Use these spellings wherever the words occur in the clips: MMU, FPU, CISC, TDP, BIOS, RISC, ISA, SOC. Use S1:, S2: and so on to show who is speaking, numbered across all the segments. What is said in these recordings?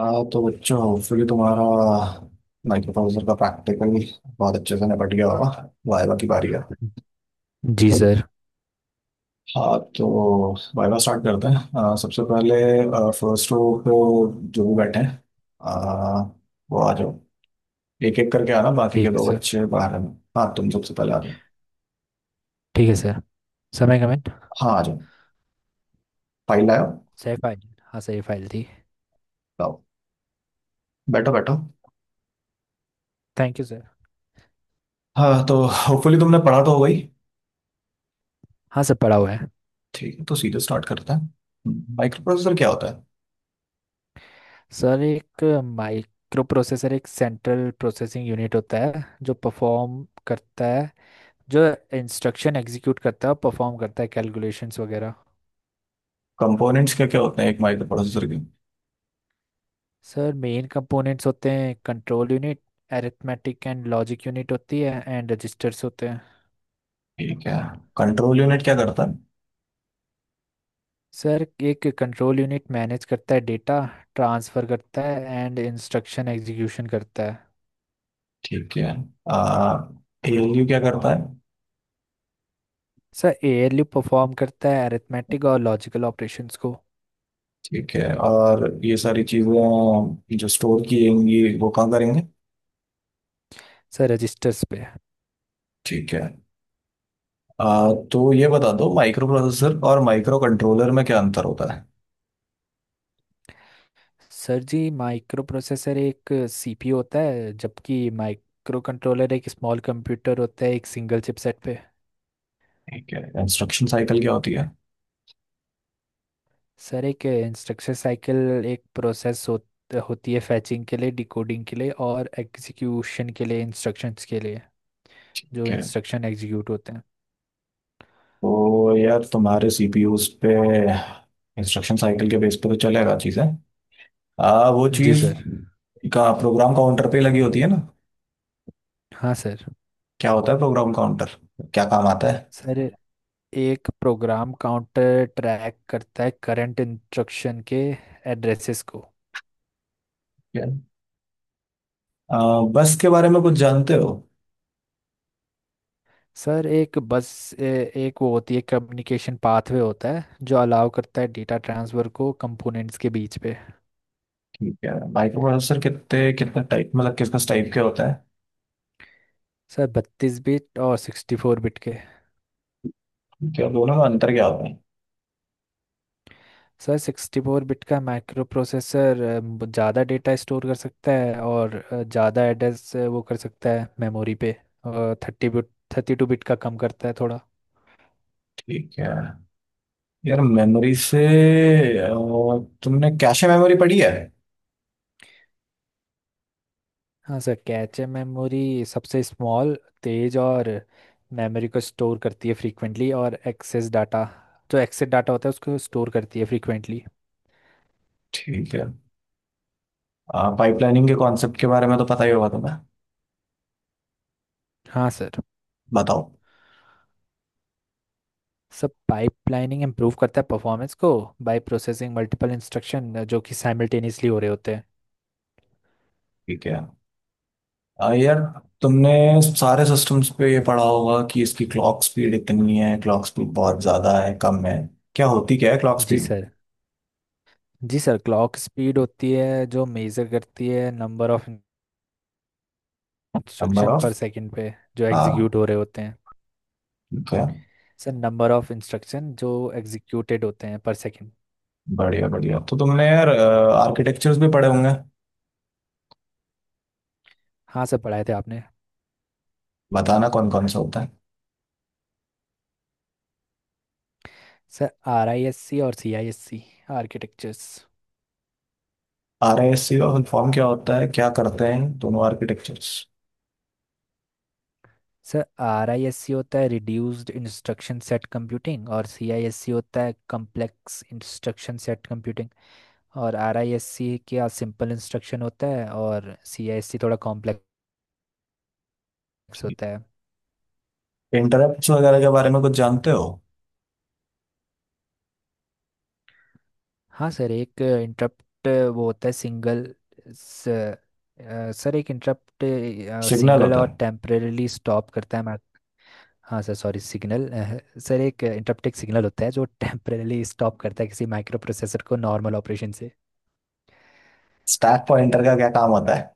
S1: हाँ तो बच्चों, फिर तुम्हारा माइक्रोप्रोसेसर का प्रैक्टिकल बहुत अच्छे से निपट गया होगा। वाइवा की बारी है।
S2: जी सर।
S1: हाँ तो वाइवा स्टार्ट करते हैं। सबसे पहले फर्स्ट रो पे जो भी बैठे हैं, अ, वो आ जाओ। एक एक करके आना, बाकी के
S2: ठीक है
S1: दो
S2: सर।
S1: बच्चे बाहर हैं। हाँ तुम सबसे पहले आ जाओ।
S2: ठीक है सर। समय कमेंट।
S1: हाँ आ जाओ, फाइल लाओ।
S2: सही फाइल। हाँ सही फाइल थी।
S1: लाओ। बैठो बैठो।
S2: Thank you sir.
S1: हाँ तो होपफुली तुमने पढ़ा तो होगा ही।
S2: हाँ सर पड़ा हुआ है।
S1: ठीक है, तो सीधे स्टार्ट करते हैं। माइक्रो प्रोसेसर क्या होता है?
S2: सर एक माइक्रो प्रोसेसर एक सेंट्रल प्रोसेसिंग यूनिट होता है जो परफॉर्म करता है जो इंस्ट्रक्शन एग्जीक्यूट करता है और परफॉर्म करता है कैलकुलेशंस वगैरह।
S1: कंपोनेंट्स क्या क्या होते हैं एक माइक्रो प्रोसेसर के?
S2: सर मेन कंपोनेंट्स होते हैं control unit, arithmetic and logic unit होती है एंड रजिस्टर्स होते हैं।
S1: ठीक है। कंट्रोल यूनिट क्या करता है?
S2: सर एक कंट्रोल यूनिट मैनेज करता है डेटा, ट्रांसफ़र करता है एंड इंस्ट्रक्शन एग्जीक्यूशन करता है।
S1: ठीक है। आ एएलयू क्या करता है?
S2: सर ALU परफॉर्म करता है अरिथमेटिक और लॉजिकल ऑपरेशंस को।
S1: ठीक है, और ये सारी चीजें जो स्टोर की जाएंगी वो कहाँ करेंगे?
S2: सर रजिस्टर्स पे।
S1: ठीक है। तो ये बता दो, माइक्रो प्रोसेसर और माइक्रो कंट्रोलर में क्या अंतर होता है?
S2: सर जी माइक्रो प्रोसेसर एक CPU होता है जबकि माइक्रो कंट्रोलर एक स्मॉल कंप्यूटर होता है एक सिंगल चिपसेट पे।
S1: ठीक है। इंस्ट्रक्शन साइकिल क्या होती है?
S2: सर एक इंस्ट्रक्शन साइकिल एक प्रोसेस होती है फैचिंग के लिए, डिकोडिंग के लिए और एग्जीक्यूशन के लिए इंस्ट्रक्शंस के लिए, जो
S1: ठीक है,
S2: इंस्ट्रक्शन एग्जीक्यूट होते हैं।
S1: तो यार तुम्हारे सीपीयूज पे इंस्ट्रक्शन साइकिल के बेस पे तो चलेगा चीजें। वो
S2: जी
S1: चीज
S2: सर।
S1: का प्रोग्राम काउंटर पे लगी होती है ना।
S2: हाँ सर।
S1: क्या होता है प्रोग्राम काउंटर? क्या काम आता
S2: सर एक प्रोग्राम काउंटर ट्रैक करता है करंट इंस्ट्रक्शन के एड्रेसेस को।
S1: है? अ, बस के बारे में कुछ जानते हो?
S2: सर एक बस एक वो होती है, कम्युनिकेशन पाथवे होता है जो अलाउ करता है डेटा ट्रांसफर को कंपोनेंट्स के बीच पे।
S1: ठीक है। माइक्रोप्रोसेसर कितने कितने टाइप, मतलब किस किस टाइप के होता है?
S2: सर 32 बिट और 64 बिट के।
S1: ठीक है, और दोनों में अंतर क्या होता है?
S2: सर 64 बिट का माइक्रो प्रोसेसर ज़्यादा डेटा स्टोर कर सकता है और ज़्यादा एड्रेस वो कर सकता है मेमोरी पे। और 32 बिट का कम करता है थोड़ा।
S1: ठीक है। यार मेमोरी से, अ, तुमने कैशे मेमोरी पढ़ी है?
S2: हाँ सर, कैचे मेमोरी सबसे स्मॉल, तेज और मेमोरी को स्टोर करती है फ्रीक्वेंटली और एक्सेस डाटा, जो एक्सेस डाटा होता है उसको स्टोर करती है फ्रीक्वेंटली।
S1: ठीक है। पाइपलाइनिंग के कॉन्सेप्ट के बारे में तो पता ही होगा तुम्हें,
S2: हाँ सर।
S1: बताओ।
S2: सब पाइपलाइनिंग इम्प्रूव करता है परफॉर्मेंस को बाय प्रोसेसिंग मल्टीपल इंस्ट्रक्शन जो कि साइमल्टेनियसली हो रहे होते हैं।
S1: ठीक है। यार तुमने सारे सिस्टम्स पे ये पढ़ा होगा कि इसकी क्लॉक स्पीड इतनी है, क्लॉक स्पीड बहुत ज्यादा है, कम है। क्या है क्लॉक
S2: जी
S1: speed?
S2: Sir. Ji sir, clock speed होती है जो मेजर करती है number of
S1: number
S2: instruction per
S1: of.
S2: Second पे जो एग्जीक्यूट हो रहे होते हैं।
S1: हाँ।
S2: सर नंबर ऑफ इंस्ट्रक्शन जो एग्जीक्यूटेड होते हैं पर सेकंड।
S1: बढ़िया बढ़िया, तो तुमने यार आर्किटेक्चर्स भी पढ़े होंगे।
S2: हाँ सर पढ़ाए थे आपने।
S1: बताना कौन कौन सा होता है।
S2: सर RISC और CISC आर्किटेक्चर्स।
S1: RISC का फॉर्म क्या होता है, क्या करते हैं दोनों आर्किटेक्चर्स?
S2: सर RISC होता है रिड्यूस्ड इंस्ट्रक्शन सेट कंप्यूटिंग और CISC होता है कॉम्प्लेक्स इंस्ट्रक्शन सेट कंप्यूटिंग। और RISC क्या सिंपल इंस्ट्रक्शन होता है और CISC थोड़ा कॉम्प्लेक्स होता है।
S1: इंटरप्ट्स वगैरह के बारे में कुछ जानते हो?
S2: हाँ सर, एक इंटरप्ट वो होता है सिंगल सर एक इंटरप्ट
S1: सिग्नल
S2: सिंगल
S1: होता
S2: और
S1: है।
S2: टेम्परेली स्टॉप करता है। हाँ सर, सॉरी, सिग्नल। सर एक इंटरप्ट एक सिग्नल होता है जो टेम्परेली स्टॉप करता है किसी माइक्रो प्रोसेसर को नॉर्मल ऑपरेशन से।
S1: स्टैक पॉइंटर का क्या काम होता है?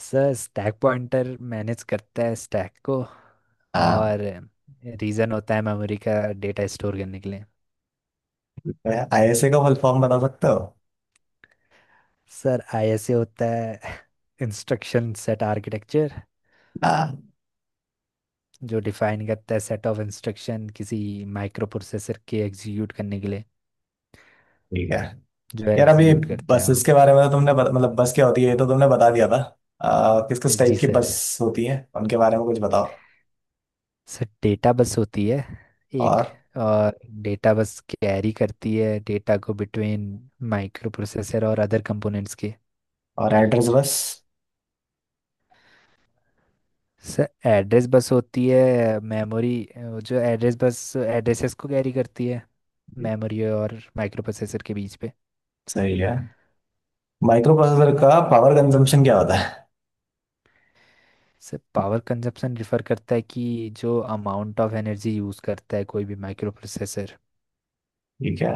S2: सर स्टैक पॉइंटर मैनेज करता है स्टैक को,
S1: हाँ।
S2: और रीज़न होता है मेमोरी का डेटा स्टोर करने के लिए।
S1: ISA का फुल फॉर्म बता सकते हो?
S2: सर ISA होता है इंस्ट्रक्शन सेट आर्किटेक्चर,
S1: हाँ।
S2: जो डिफाइन करता है सेट ऑफ इंस्ट्रक्शन किसी माइक्रो प्रोसेसर के एग्जीक्यूट करने के लिए,
S1: ठीक है।
S2: जो
S1: यार अभी
S2: एग्जीक्यूट करता है।
S1: बसेस के बारे में तो तुमने मतलब बस क्या होती है ये तो तुमने बता दिया था। किस किस टाइप
S2: जी
S1: की
S2: सर।
S1: बस होती है उनके बारे में कुछ बताओ।
S2: सर डेटा बस होती है एक,
S1: और
S2: और डेटा बस कैरी करती है डेटा को बिटवीन माइक्रो प्रोसेसर और अदर कंपोनेंट्स के।
S1: और address bus?
S2: Sir address bus होती है मेमोरी, जो एड्रेस बस एड्रेसेस को कैरी करती है मेमोरी और माइक्रो प्रोसेसर के बीच पे।
S1: सही है। माइक्रो प्रोसेसर का पावर कंजम्पशन क्या होता है?
S2: सर पावर कंजप्शन रिफर करता है कि जो अमाउंट ऑफ एनर्जी यूज़ करता है कोई भी माइक्रो प्रोसेसर।
S1: ठीक है,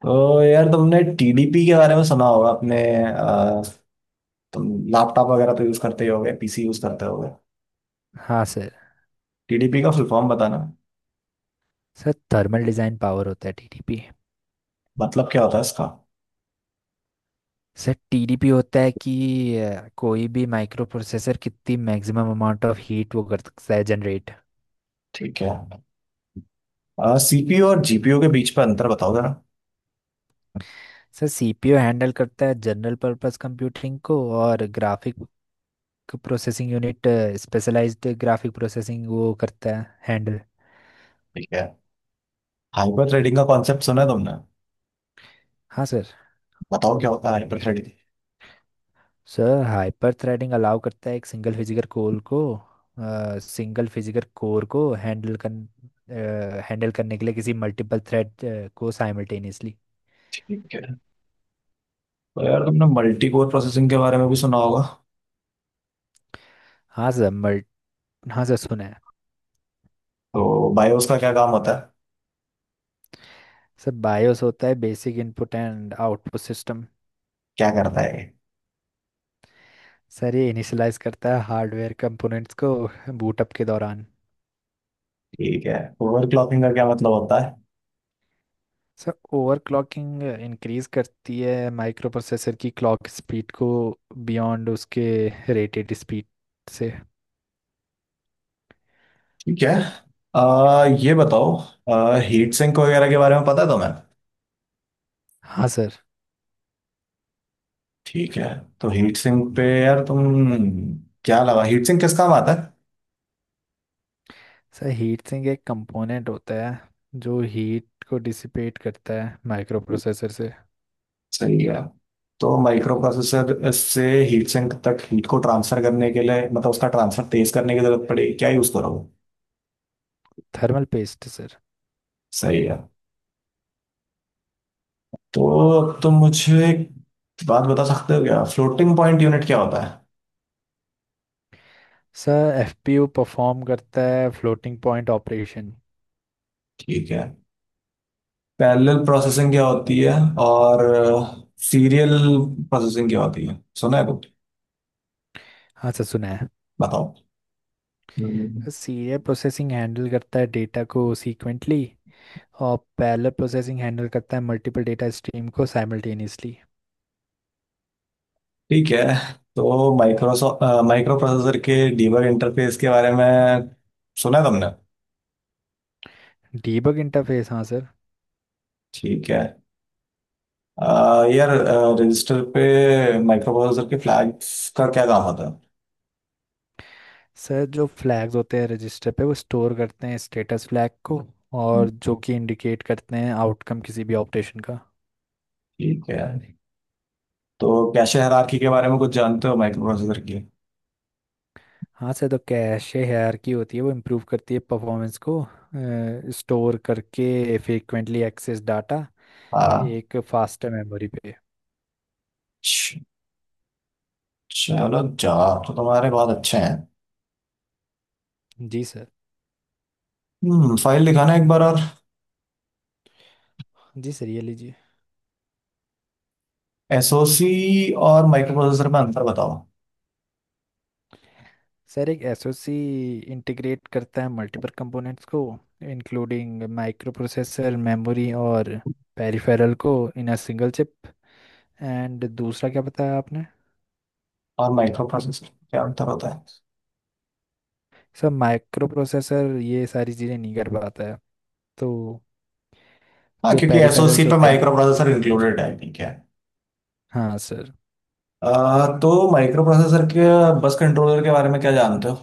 S1: तो यार तुमने टीडीपी के बारे में सुना होगा अपने। तुम लैपटॉप वगैरह तो यूज करते ही होगे, पीसी यूज करते होगे।
S2: हाँ सर।
S1: टीडीपी का फुल फॉर्म बताना।
S2: सर थर्मल डिज़ाइन पावर होता है TTP।
S1: मतलब क्या होता है इसका?
S2: सर TDP होता है कि कोई भी माइक्रो प्रोसेसर कितनी मैक्सिमम अमाउंट ऑफ हीट वो कर सकता है जनरेट।
S1: ठीक है। सीपीयू और जीपीयू के बीच पर अंतर बताओ जरा।
S2: सर सीपीयू हैंडल करता है जनरल पर्पस कंप्यूटिंग को और graphic processing unit specialised graphic processing वो करता है हैंडल।
S1: ठीक है। हाइपर थ्रेडिंग का कॉन्सेप्ट सुना है तुमने?
S2: हाँ सर।
S1: बताओ क्या होता है hyperthreading.
S2: Sir hyperthreading allow करता है एक सिंगल फिजिकल कोर को सिंगल फिजिकल कोर को हैंडल कर हैंडल करने के लिए किसी मल्टीपल थ्रेड को साइमल्टेनियसली।
S1: ठीक है, तो यार तुमने मल्टी कोर प्रोसेसिंग के बारे में भी सुना होगा।
S2: हाँ सर मल्ट हाँ सर सुना है।
S1: तो बायोस का क्या काम होता है?
S2: सर बायोस होता है basic input and output system.
S1: क्या करता है ये?
S2: सर ये इनिशियलाइज करता है हार्डवेयर कंपोनेंट्स को बूटअप के दौरान।
S1: ठीक है। ओवर क्लॉकिंग का क्या मतलब होता है?
S2: सर ओवरक्लॉकिंग इंक्रीज करती है माइक्रो प्रोसेसर की क्लॉक स्पीड को बियॉन्ड उसके रेटेड स्पीड से।
S1: ठीक है। ये बताओ, हीट सिंक वगैरह के बारे में पता है तुम्हें?
S2: हाँ सर।
S1: ठीक है। तो हीट सिंक पे यार तुम क्या लगा, हीट सिंक किस काम आता है?
S2: सर हीट सिंक एक कंपोनेंट होता है जो हीट को डिसिपेट करता है माइक्रो प्रोसेसर से।
S1: सही है। तो माइक्रो प्रोसेसर से हीट सिंक तक हीट को ट्रांसफर करने के लिए, मतलब उसका ट्रांसफर तेज करने की जरूरत पड़ेगी, क्या यूज करोगे?
S2: Thermal paste sir.
S1: सही है। तो तुम मुझे एक बात बता सकते हो क्या, फ्लोटिंग पॉइंट यूनिट क्या होता है?
S2: सर FPU परफॉर्म करता है फ्लोटिंग पॉइंट ऑपरेशन।
S1: ठीक है। पैरेलल प्रोसेसिंग क्या होती है और सीरियल प्रोसेसिंग क्या होती है, सुना है कुछ?
S2: हाँ सर सुना है।
S1: बताओ। हम्म।
S2: सीरियल प्रोसेसिंग हैंडल करता है डेटा को सीक्वेंटली और पैरेलल प्रोसेसिंग हैंडल करता है मल्टीपल डेटा स्ट्रीम को साइमल्टेनियसली।
S1: ठीक है, तो माइक्रोसॉफ्ट माइक्रो प्रोसेसर के डीबग इंटरफेस के बारे में सुना है तुमने?
S2: डीबग इंटरफेस, हाँ सर।
S1: ठीक है। यार रजिस्टर पे माइक्रो प्रोसेसर के फ्लैग्स का क्या काम होता है?
S2: सर जो फ्लैग्स होते हैं रजिस्टर पे वो स्टोर करते हैं स्टेटस फ्लैग को,
S1: हम्म।
S2: और जो कि इंडिकेट करते हैं आउटकम किसी भी ऑपरेशन का।
S1: ठीक है, तो कैशे हायरार्की के बारे में कुछ जानते हो माइक्रो प्रोसेसर के?
S2: हाँ सर, तो कैशे हायरार्की होती है वो इम्प्रूव करती है परफॉर्मेंस को स्टोर करके फ्रीक्वेंटली एक्सेस डाटा
S1: हाँ।
S2: एक फास्टर मेमोरी पे।
S1: च- चलो, जवाब तो तुम्हारे बहुत अच्छे हैं।
S2: जी सर।
S1: फाइल दिखाना एक बार और।
S2: जी सर, ये लीजिए।
S1: एसओसी और माइक्रो प्रोसेसर में अंतर बताओ।
S2: सर एक SoC इंटीग्रेट करता है मल्टीपल कंपोनेंट्स को इंक्लूडिंग माइक्रो प्रोसेसर, मेमोरी और पेरिफेरल को in a single chip. And दूसरा क्या बताया आपने?
S1: और माइक्रो प्रोसेसर क्या अंतर होता है?
S2: सर माइक्रो प्रोसेसर ये सारी चीज़ें नहीं कर पाता है तो।
S1: हाँ,
S2: जो
S1: क्योंकि एसओसी
S2: पेरिफेरल्स
S1: पे
S2: होते हैं
S1: माइक्रो
S2: ना।
S1: प्रोसेसर इंक्लूडेड है। ठीक है।
S2: हाँ सर।
S1: अ, तो माइक्रो प्रोसेसर के बस कंट्रोलर के बारे में क्या जानते हो?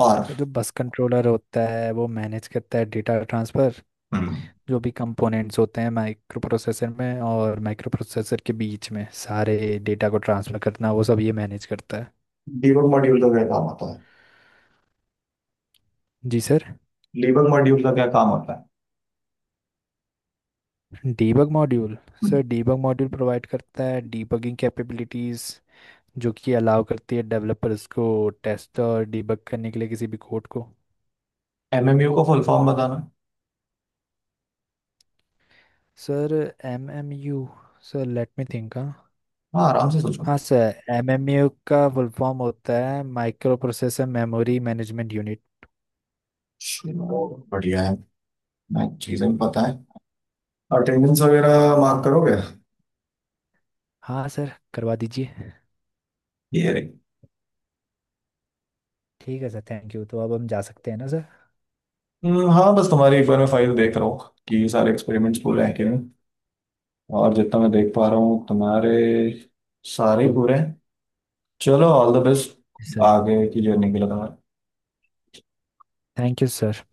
S1: और
S2: सर जो बस कंट्रोलर होता है वो मैनेज करता है डेटा ट्रांसफ़र,
S1: हम्म
S2: जो भी कंपोनेंट्स होते हैं माइक्रो प्रोसेसर में और माइक्रो प्रोसेसर के बीच में सारे डेटा को ट्रांसफ़र करना वो सब ये मैनेज करता है।
S1: डीबग मॉड्यूल का क्या काम होता है?
S2: जी सर।
S1: डीबग मॉड्यूल का क्या काम होता है?
S2: Debug module. Sir debug module provide करता है डीबगिंग कैपेबिलिटीज़ जो कि अलाउ करती है डेवलपर्स को टेस्ट और डीबग करने के लिए किसी भी कोड को।
S1: एमएमयू को फुल फॉर्म बताना है।
S2: Sir MMU, sir let me think, हाँ।
S1: हाँ, आराम से सोचो।
S2: हाँ सर, MMU का फुल फॉर्म होता है micro processor memory management unit.
S1: चलो, बढ़िया है। मैं चीजें भी पता है। अटेंडेंस वगैरह मार्क करोगे?
S2: हाँ सर करवा दीजिए।
S1: ये रे।
S2: ठीक है सर, थैंक यू। तो अब हम जा सकते हैं ना सर?
S1: हाँ, बस तुम्हारी एक बार मैं फाइल देख रहा हूँ कि सारे एक्सपेरिमेंट्स पूरे हैं कि नहीं, और जितना मैं देख पा रहा हूँ तुम्हारे सारे पूरे हैं। चलो, ऑल द बेस्ट
S2: जी सर,
S1: आगे की जर्नी के लिए तुम्हारे।
S2: Thank you sir.